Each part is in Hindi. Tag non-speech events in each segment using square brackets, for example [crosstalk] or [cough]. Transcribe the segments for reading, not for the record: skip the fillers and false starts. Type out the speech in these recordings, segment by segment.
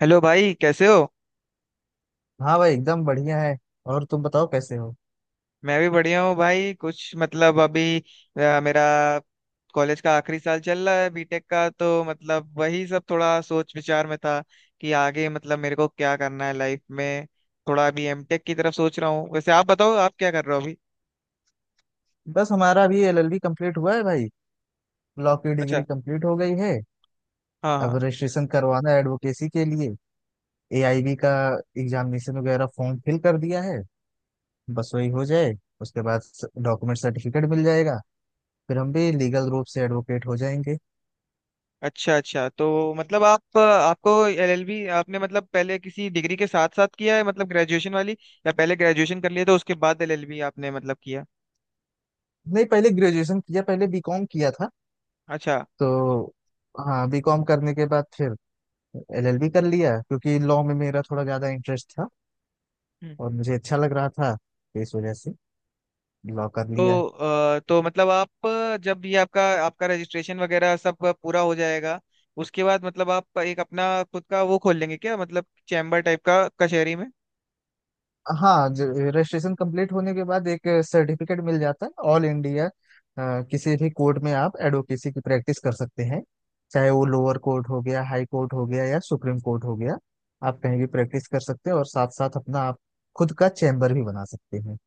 हेलो भाई, कैसे हो? हाँ भाई, एकदम बढ़िया है। और तुम बताओ कैसे हो। मैं भी बढ़िया हूँ भाई। कुछ मतलब अभी मेरा कॉलेज का आखिरी साल चल रहा है बीटेक का। तो मतलब वही सब थोड़ा सोच विचार में था कि आगे मतलब मेरे को क्या करना है लाइफ में। थोड़ा अभी एमटेक की तरफ सोच रहा हूँ। वैसे आप बताओ आप क्या कर रहे हो अभी? बस हमारा भी एलएलबी कंप्लीट हुआ है भाई। लॉ की अच्छा। डिग्री कंप्लीट हो गई है। हाँ अब हाँ। रजिस्ट्रेशन करवाना है एडवोकेसी के लिए। एआईबी का एग्जामिनेशन वगैरह फॉर्म फिल कर दिया है। बस वही हो जाए, उसके बाद डॉक्यूमेंट सर्टिफिकेट मिल जाएगा, फिर हम भी लीगल रूप से एडवोकेट हो जाएंगे। अच्छा अच्छा, तो मतलब आप आपको एलएलबी आपने मतलब पहले किसी डिग्री के साथ साथ किया है, मतलब ग्रेजुएशन वाली? या पहले ग्रेजुएशन कर लिया तो उसके बाद एलएलबी आपने मतलब किया? नहीं, पहले ग्रेजुएशन किया, पहले बीकॉम किया था अच्छा। तो। हाँ, बीकॉम करने के बाद फिर एलएलबी कर लिया, क्योंकि लॉ में मेरा थोड़ा ज्यादा इंटरेस्ट था और मुझे अच्छा लग रहा था, इस वजह से लॉक कर तो लिया है। तो मतलब आप जब ये आपका आपका रजिस्ट्रेशन वगैरह सब पूरा हो जाएगा उसके बाद मतलब आप एक अपना खुद का वो खोल लेंगे क्या, मतलब चैम्बर टाइप का कचहरी में? हाँ, रजिस्ट्रेशन कंप्लीट होने के बाद एक सर्टिफिकेट मिल जाता है, ऑल इंडिया किसी भी कोर्ट में आप एडवोकेसी की प्रैक्टिस कर सकते हैं। चाहे वो लोअर कोर्ट हो गया, हाई कोर्ट हो गया, या सुप्रीम कोर्ट हो गया, आप कहीं भी प्रैक्टिस कर सकते हैं, और साथ साथ अपना आप खुद का चैम्बर भी बना सकते हैं।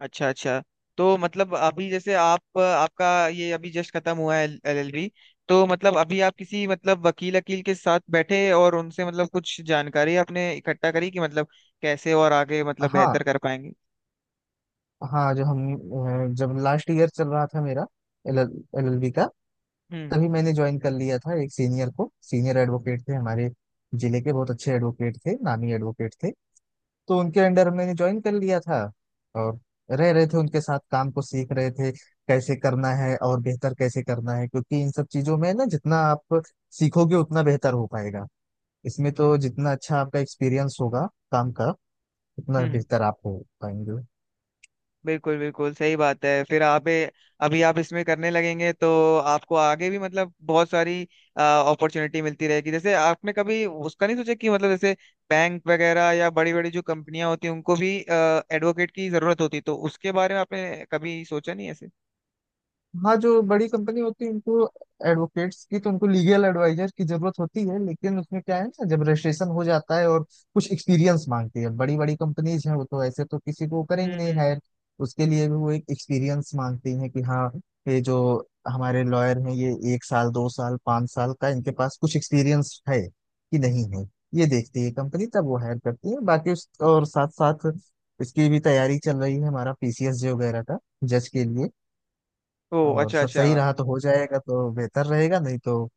अच्छा अच्छा। तो मतलब अभी जैसे आप आपका ये अभी जस्ट खत्म हुआ है एलएलबी। तो मतलब अभी आप किसी मतलब वकील वकील के साथ बैठे और उनसे मतलब कुछ जानकारी आपने इकट्ठा करी कि मतलब कैसे और आगे मतलब हाँ बेहतर कर पाएंगे? हाँ। जब लास्ट ईयर चल रहा था मेरा एल एल बी का, हम्म तभी मैंने ज्वाइन कर लिया था एक सीनियर को। सीनियर एडवोकेट थे, हमारे जिले के बहुत अच्छे एडवोकेट थे, नामी एडवोकेट थे। तो उनके अंडर मैंने ज्वाइन कर लिया था, और रह रहे थे उनके साथ, काम को सीख रहे थे कैसे करना है और बेहतर कैसे करना है। क्योंकि इन सब चीजों में ना, जितना आप सीखोगे उतना बेहतर हो पाएगा इसमें। तो जितना अच्छा आपका एक्सपीरियंस होगा काम का, उतना हम्म। बेहतर आप हो पाएंगे। बिल्कुल बिल्कुल सही बात है। फिर अभी आप इसमें करने लगेंगे तो आपको आगे भी मतलब बहुत सारी अपॉर्चुनिटी मिलती रहेगी। जैसे आपने कभी उसका नहीं सोचा कि मतलब जैसे बैंक वगैरह या बड़ी बड़ी जो कंपनियां होती हैं उनको भी एडवोकेट की जरूरत होती, तो उसके बारे में आपने कभी सोचा नहीं ऐसे? हाँ, जो बड़ी कंपनी होती है, उनको एडवोकेट्स की, तो उनको लीगल एडवाइजर की जरूरत होती है। लेकिन उसमें क्या है ना, जब रजिस्ट्रेशन हो जाता है और कुछ एक्सपीरियंस मांगती है, बड़ी बड़ी कंपनीज हैं वो, तो ऐसे तो किसी को करेंगे नहीं हम्म। हायर। उसके लिए भी वो एक एक्सपीरियंस मांगती हैं कि हाँ, ये जो हमारे लॉयर हैं, ये 1 साल, 2 साल, 5 साल का इनके पास कुछ एक्सपीरियंस है कि नहीं है। ये देखती है कंपनी, तब वो हायर करती है। बाकी उस, और साथ साथ इसकी भी तैयारी चल रही है हमारा, पीसीएस जे वगैरह का, जज के लिए। ओ और अच्छा सब अच्छा। सही रहा तो हो जाएगा, तो बेहतर रहेगा, नहीं तो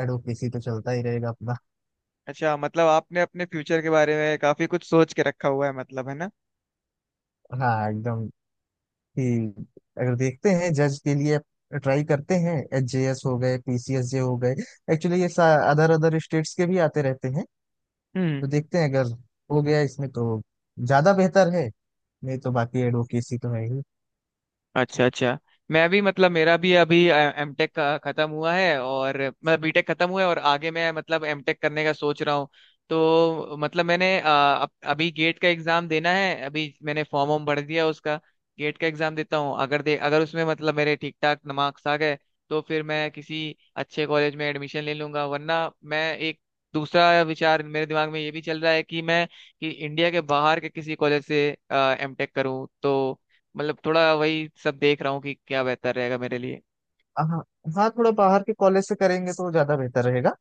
एडवोकेसी तो चलता ही रहेगा अपना। अच्छा, मतलब आपने अपने फ्यूचर के बारे में काफी कुछ सोच के रखा हुआ है, मतलब है ना? हाँ एकदम। कि अगर देखते हैं जज के लिए, ट्राई करते हैं, एच जे एस हो गए, पी सी एस जे हो गए। एक्चुअली ये अदर अदर स्टेट्स के भी आते रहते हैं। तो हम्म। देखते हैं, अगर हो गया इसमें तो ज्यादा बेहतर है, नहीं तो बाकी एडवोकेसी तो है ही। अच्छा अच्छा। मैं भी मतलब मेरा भी अभी एम टेक का खत्म हुआ है, और मतलब बीटेक खत्म हुआ है, और आगे मैं मतलब एम टेक करने का सोच रहा हूँ। तो मतलब मैंने अभी गेट का एग्जाम देना है। अभी मैंने फॉर्म वॉर्म भर दिया उसका। गेट का एग्जाम देता हूँ। अगर उसमें मतलब मेरे ठीक ठाक मार्क्स आ गए तो फिर मैं किसी अच्छे कॉलेज में एडमिशन ले लूंगा, वरना मैं एक दूसरा विचार मेरे दिमाग में ये भी चल रहा है कि इंडिया के बाहर के किसी कॉलेज से एम टेक करूँ। तो मतलब थोड़ा वही सब देख रहा हूँ कि क्या बेहतर रहेगा मेरे लिए। हाँ हाँ, थोड़ा बाहर के कॉलेज से करेंगे तो ज्यादा बेहतर रहेगा,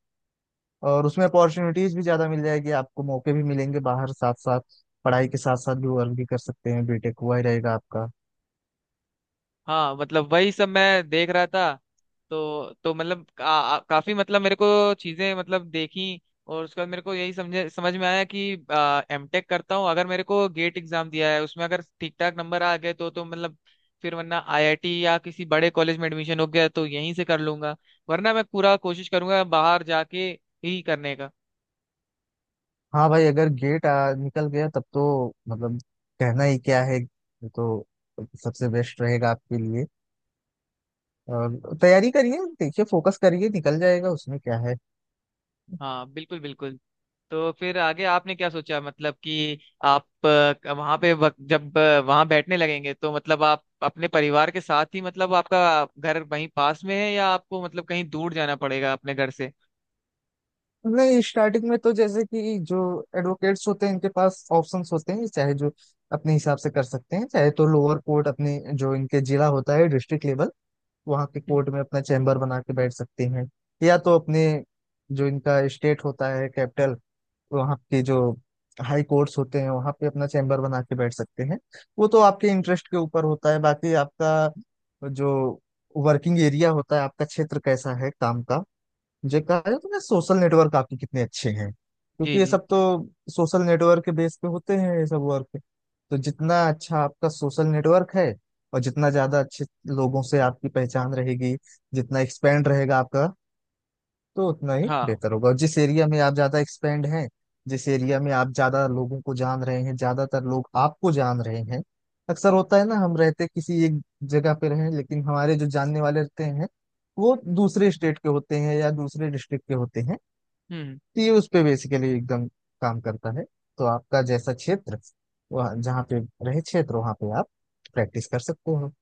और उसमें अपॉर्चुनिटीज भी ज्यादा मिल जाएगी आपको, मौके भी मिलेंगे बाहर। साथ साथ पढ़ाई के साथ साथ भी वर्क भी कर सकते हैं, बीटेक हुआ ही रहेगा आपका। हाँ मतलब वही सब मैं देख रहा था। तो मतलब काफी मतलब मेरे को चीजें मतलब देखी। और उसके बाद मेरे को यही समझ में आया कि एमटेक करता हूँ। अगर मेरे को गेट एग्जाम दिया है उसमें अगर ठीक ठाक नंबर आ गए तो मतलब फिर, वरना आईआईटी या किसी बड़े कॉलेज में एडमिशन हो गया तो यहीं से कर लूंगा, वरना मैं पूरा कोशिश करूंगा बाहर जाके ही करने का। हाँ भाई, अगर गेट निकल गया, तब तो मतलब कहना ही क्या है, ये तो सबसे बेस्ट रहेगा आपके लिए। और तैयारी करिए, देखिए, फोकस करिए, निकल जाएगा उसमें, क्या है। हाँ, बिल्कुल बिल्कुल। तो फिर आगे आपने क्या सोचा मतलब कि आप जब वहां बैठने लगेंगे तो मतलब आप अपने परिवार के साथ ही, मतलब आपका घर वहीं पास में है, या आपको मतलब कहीं दूर जाना पड़ेगा अपने घर से? नहीं, स्टार्टिंग में तो जैसे कि जो एडवोकेट्स होते हैं, इनके पास ऑप्शंस होते हैं, चाहे जो अपने हिसाब से कर सकते हैं। चाहे तो लोअर कोर्ट, अपने जो इनके जिला होता है, डिस्ट्रिक्ट लेवल, वहाँ के हम्म। कोर्ट में अपना चैम्बर बना के बैठ सकती हैं। या तो अपने जो इनका स्टेट होता है, कैपिटल, वहाँ के जो हाई कोर्ट्स होते हैं, वहाँ पे अपना चैम्बर बना के बैठ सकते हैं। वो तो आपके इंटरेस्ट के ऊपर होता है। बाकी आपका जो वर्किंग एरिया होता है, आपका क्षेत्र कैसा है काम का, मुझे कहा जाए तो ना, सोशल नेटवर्क आपके कितने अच्छे हैं, जी क्योंकि ये जी। सब तो सोशल नेटवर्क के बेस पे होते हैं ये सब वर्क। तो जितना अच्छा आपका सोशल नेटवर्क है, और जितना ज्यादा अच्छे लोगों से आपकी पहचान रहेगी, जितना एक्सपेंड रहेगा आपका, तो उतना ही हाँ। बेहतर होगा। और जिस एरिया में आप ज्यादा एक्सपेंड हैं, जिस एरिया में आप ज्यादा लोगों को जान रहे हैं, ज्यादातर लोग आपको जान रहे हैं। अक्सर होता है ना, हम रहते किसी एक जगह पे रहे, लेकिन हमारे जो जानने वाले रहते हैं, वो दूसरे स्टेट के होते हैं या दूसरे डिस्ट्रिक्ट के होते हैं। हम्म। तो ये उस पे बेसिकली एकदम काम करता है। तो आपका जैसा क्षेत्र, वह जहाँ पे रहे क्षेत्र, वहां पे आप प्रैक्टिस कर सकते हो।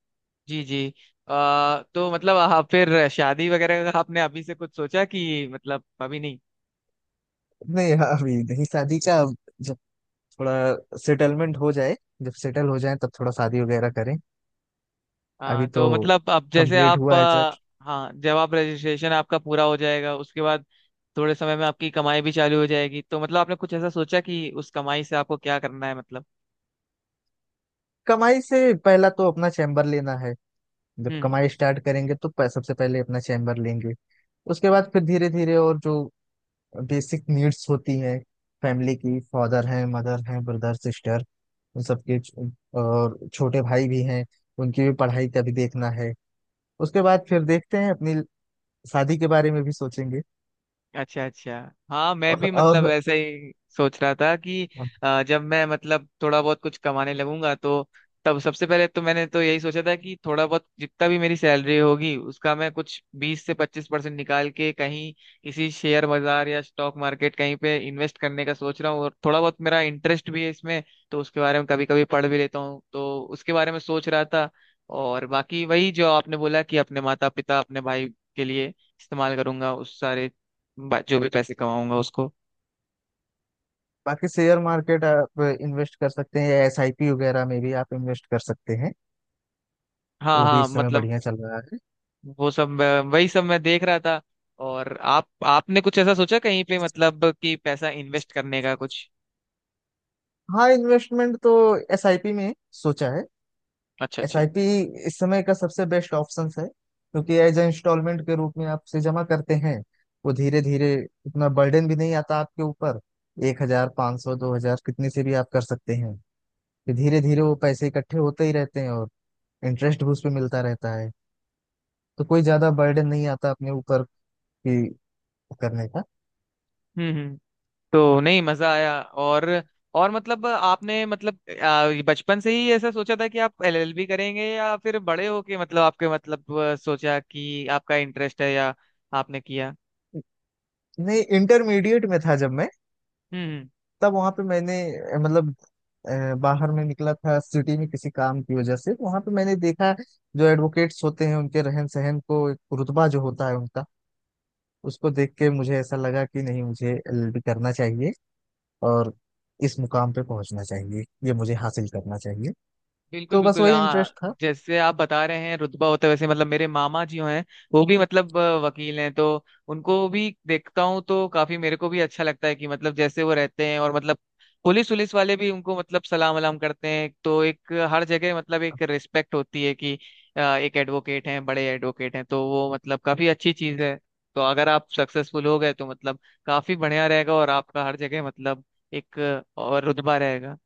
जी जी। तो मतलब आप फिर शादी वगैरह का आपने अभी से कुछ सोचा कि मतलब अभी नहीं? नहीं, अभी नहीं शादी का। थोड़ा सेटलमेंट हो जाए, जब सेटल हो जाए तब थोड़ा शादी वगैरह करें। हाँ, अभी तो तो मतलब अब जैसे कंप्लीट आप हुआ है अ, जस्ट। हाँ, जब आप रजिस्ट्रेशन आपका पूरा हो जाएगा उसके बाद थोड़े समय में आपकी कमाई भी चालू हो जाएगी, तो मतलब आपने कुछ ऐसा सोचा कि उस कमाई से आपको क्या करना है मतलब? कमाई से पहला तो अपना चैम्बर लेना है। जब हम्म। कमाई स्टार्ट करेंगे तो सबसे पहले अपना चैम्बर लेंगे। उसके बाद फिर धीरे धीरे, और जो बेसिक नीड्स होती हैं, फैमिली की, फादर हैं, मदर हैं, ब्रदर सिस्टर, उन सबके और छोटे भाई भी हैं, उनकी भी पढ़ाई का भी देखना है। उसके बाद फिर देखते हैं, अपनी शादी के बारे में भी सोचेंगे। अच्छा अच्छा। हाँ, मैं और, भी मतलब और ऐसे ही सोच रहा था कि जब मैं मतलब थोड़ा बहुत कुछ कमाने लगूंगा तो तब सबसे पहले तो मैंने तो यही सोचा था कि थोड़ा बहुत जितना भी मेरी सैलरी होगी, उसका मैं कुछ 20 से 25% निकाल के कहीं किसी शेयर बाजार या स्टॉक मार्केट कहीं पे इन्वेस्ट करने का सोच रहा हूँ, और थोड़ा बहुत मेरा इंटरेस्ट भी है इसमें। तो उसके बारे में कभी कभी पढ़ भी लेता हूँ, तो उसके बारे में सोच रहा था। और बाकी वही जो आपने बोला कि अपने माता पिता अपने भाई के लिए इस्तेमाल करूंगा उस सारे जो भी पैसे कमाऊंगा उसको। बाकी शेयर मार्केट आप इन्वेस्ट कर सकते हैं, एसआईपी वगैरह में भी आप इन्वेस्ट कर सकते हैं, हाँ वो भी हाँ, इस समय मतलब बढ़िया चल रहा है। वही सब मैं देख रहा था। और आप आपने कुछ ऐसा सोचा कहीं पे मतलब कि पैसा इन्वेस्ट करने का कुछ? हाँ, इन्वेस्टमेंट तो एसआईपी में सोचा है। अच्छा अच्छा। एसआईपी इस समय का सबसे बेस्ट ऑप्शन है, क्योंकि एज ए इंस्टॉलमेंट के रूप में आप से जमा करते हैं वो, धीरे धीरे, इतना बर्डन भी नहीं आता आपके ऊपर। 1,000, 500, 2,000, कितने से भी आप कर सकते हैं। फिर धीरे धीरे वो पैसे इकट्ठे होते ही रहते हैं, और इंटरेस्ट भी उस पर मिलता रहता है। तो कोई ज्यादा बर्डन नहीं आता अपने ऊपर कि करने का। हम्म हम्म। तो नहीं मजा आया। और मतलब आपने मतलब बचपन से ही ऐसा सोचा था कि आप एलएलबी करेंगे, या फिर बड़े होके मतलब आपके मतलब सोचा कि आपका इंटरेस्ट है, या आपने किया? नहीं, इंटरमीडिएट में था जब मैं, हम्म हम्म। तब वहां पे मैंने, मतलब बाहर में निकला था सिटी में, किसी काम की वजह से वहां पे मैंने देखा जो एडवोकेट्स होते हैं उनके रहन सहन को, एक रुतबा जो होता है उनका, उसको देख के मुझे ऐसा लगा कि नहीं, मुझे एलएलबी करना चाहिए और इस मुकाम पे पहुंचना चाहिए, ये मुझे हासिल करना चाहिए। बिल्कुल तो बस बिल्कुल। वही हाँ, इंटरेस्ट था। जैसे आप बता रहे हैं रुतबा होता है, वैसे मतलब मेरे मामा जी हैं। वो भी मतलब वकील हैं, तो उनको भी देखता हूँ तो काफी मेरे को भी अच्छा लगता है कि मतलब जैसे वो रहते हैं, और मतलब पुलिस पुलिस वाले भी उनको मतलब सलाम वलाम करते हैं, तो एक हर जगह मतलब एक रिस्पेक्ट होती है कि एक एडवोकेट हैं बड़े एडवोकेट हैं, तो वो मतलब काफी अच्छी चीज है। तो अगर आप सक्सेसफुल हो गए तो मतलब काफी बढ़िया रहेगा और आपका हर जगह मतलब एक और रुतबा रहेगा।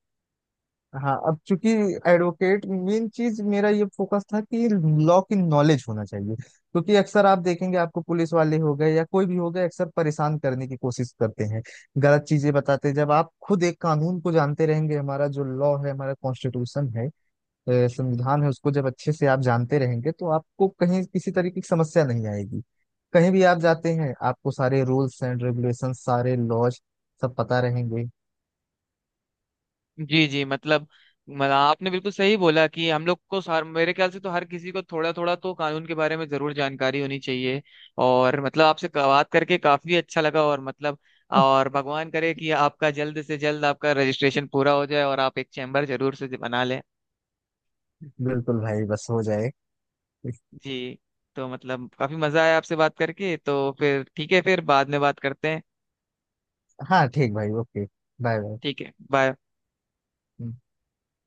हाँ, अब चूंकि एडवोकेट मेन चीज, मेरा ये फोकस था कि लॉ की नॉलेज होना चाहिए, क्योंकि अक्सर आप देखेंगे आपको, पुलिस वाले हो गए या कोई भी हो गए, अक्सर परेशान करने की कोशिश करते हैं, गलत चीजें बताते हैं। जब आप खुद एक कानून को जानते रहेंगे, हमारा जो लॉ है, हमारा कॉन्स्टिट्यूशन है, संविधान है, उसको जब अच्छे से आप जानते रहेंगे तो आपको कहीं किसी तरीके की समस्या नहीं आएगी। कहीं भी आप जाते हैं, आपको सारे रूल्स एंड रेगुलेशन, सारे लॉज सब पता रहेंगे। जी जी, मतलब आपने बिल्कुल सही बोला कि हम लोग को सार मेरे ख्याल से तो हर किसी को थोड़ा थोड़ा तो कानून के बारे में जरूर जानकारी होनी चाहिए। और मतलब आपसे बात करके काफी अच्छा लगा, और मतलब [laughs] और भगवान करे कि आपका जल्द से जल्द आपका रजिस्ट्रेशन पूरा हो जाए, और आप एक चैम्बर जरूर से बना लें। बिल्कुल भाई, बस हो जाए। जी। तो मतलब काफी मजा आया आपसे बात करके। तो फिर ठीक है, फिर बाद में बात करते हैं। हाँ, ठीक भाई, ओके। Bye bye. ठीक है, बाय।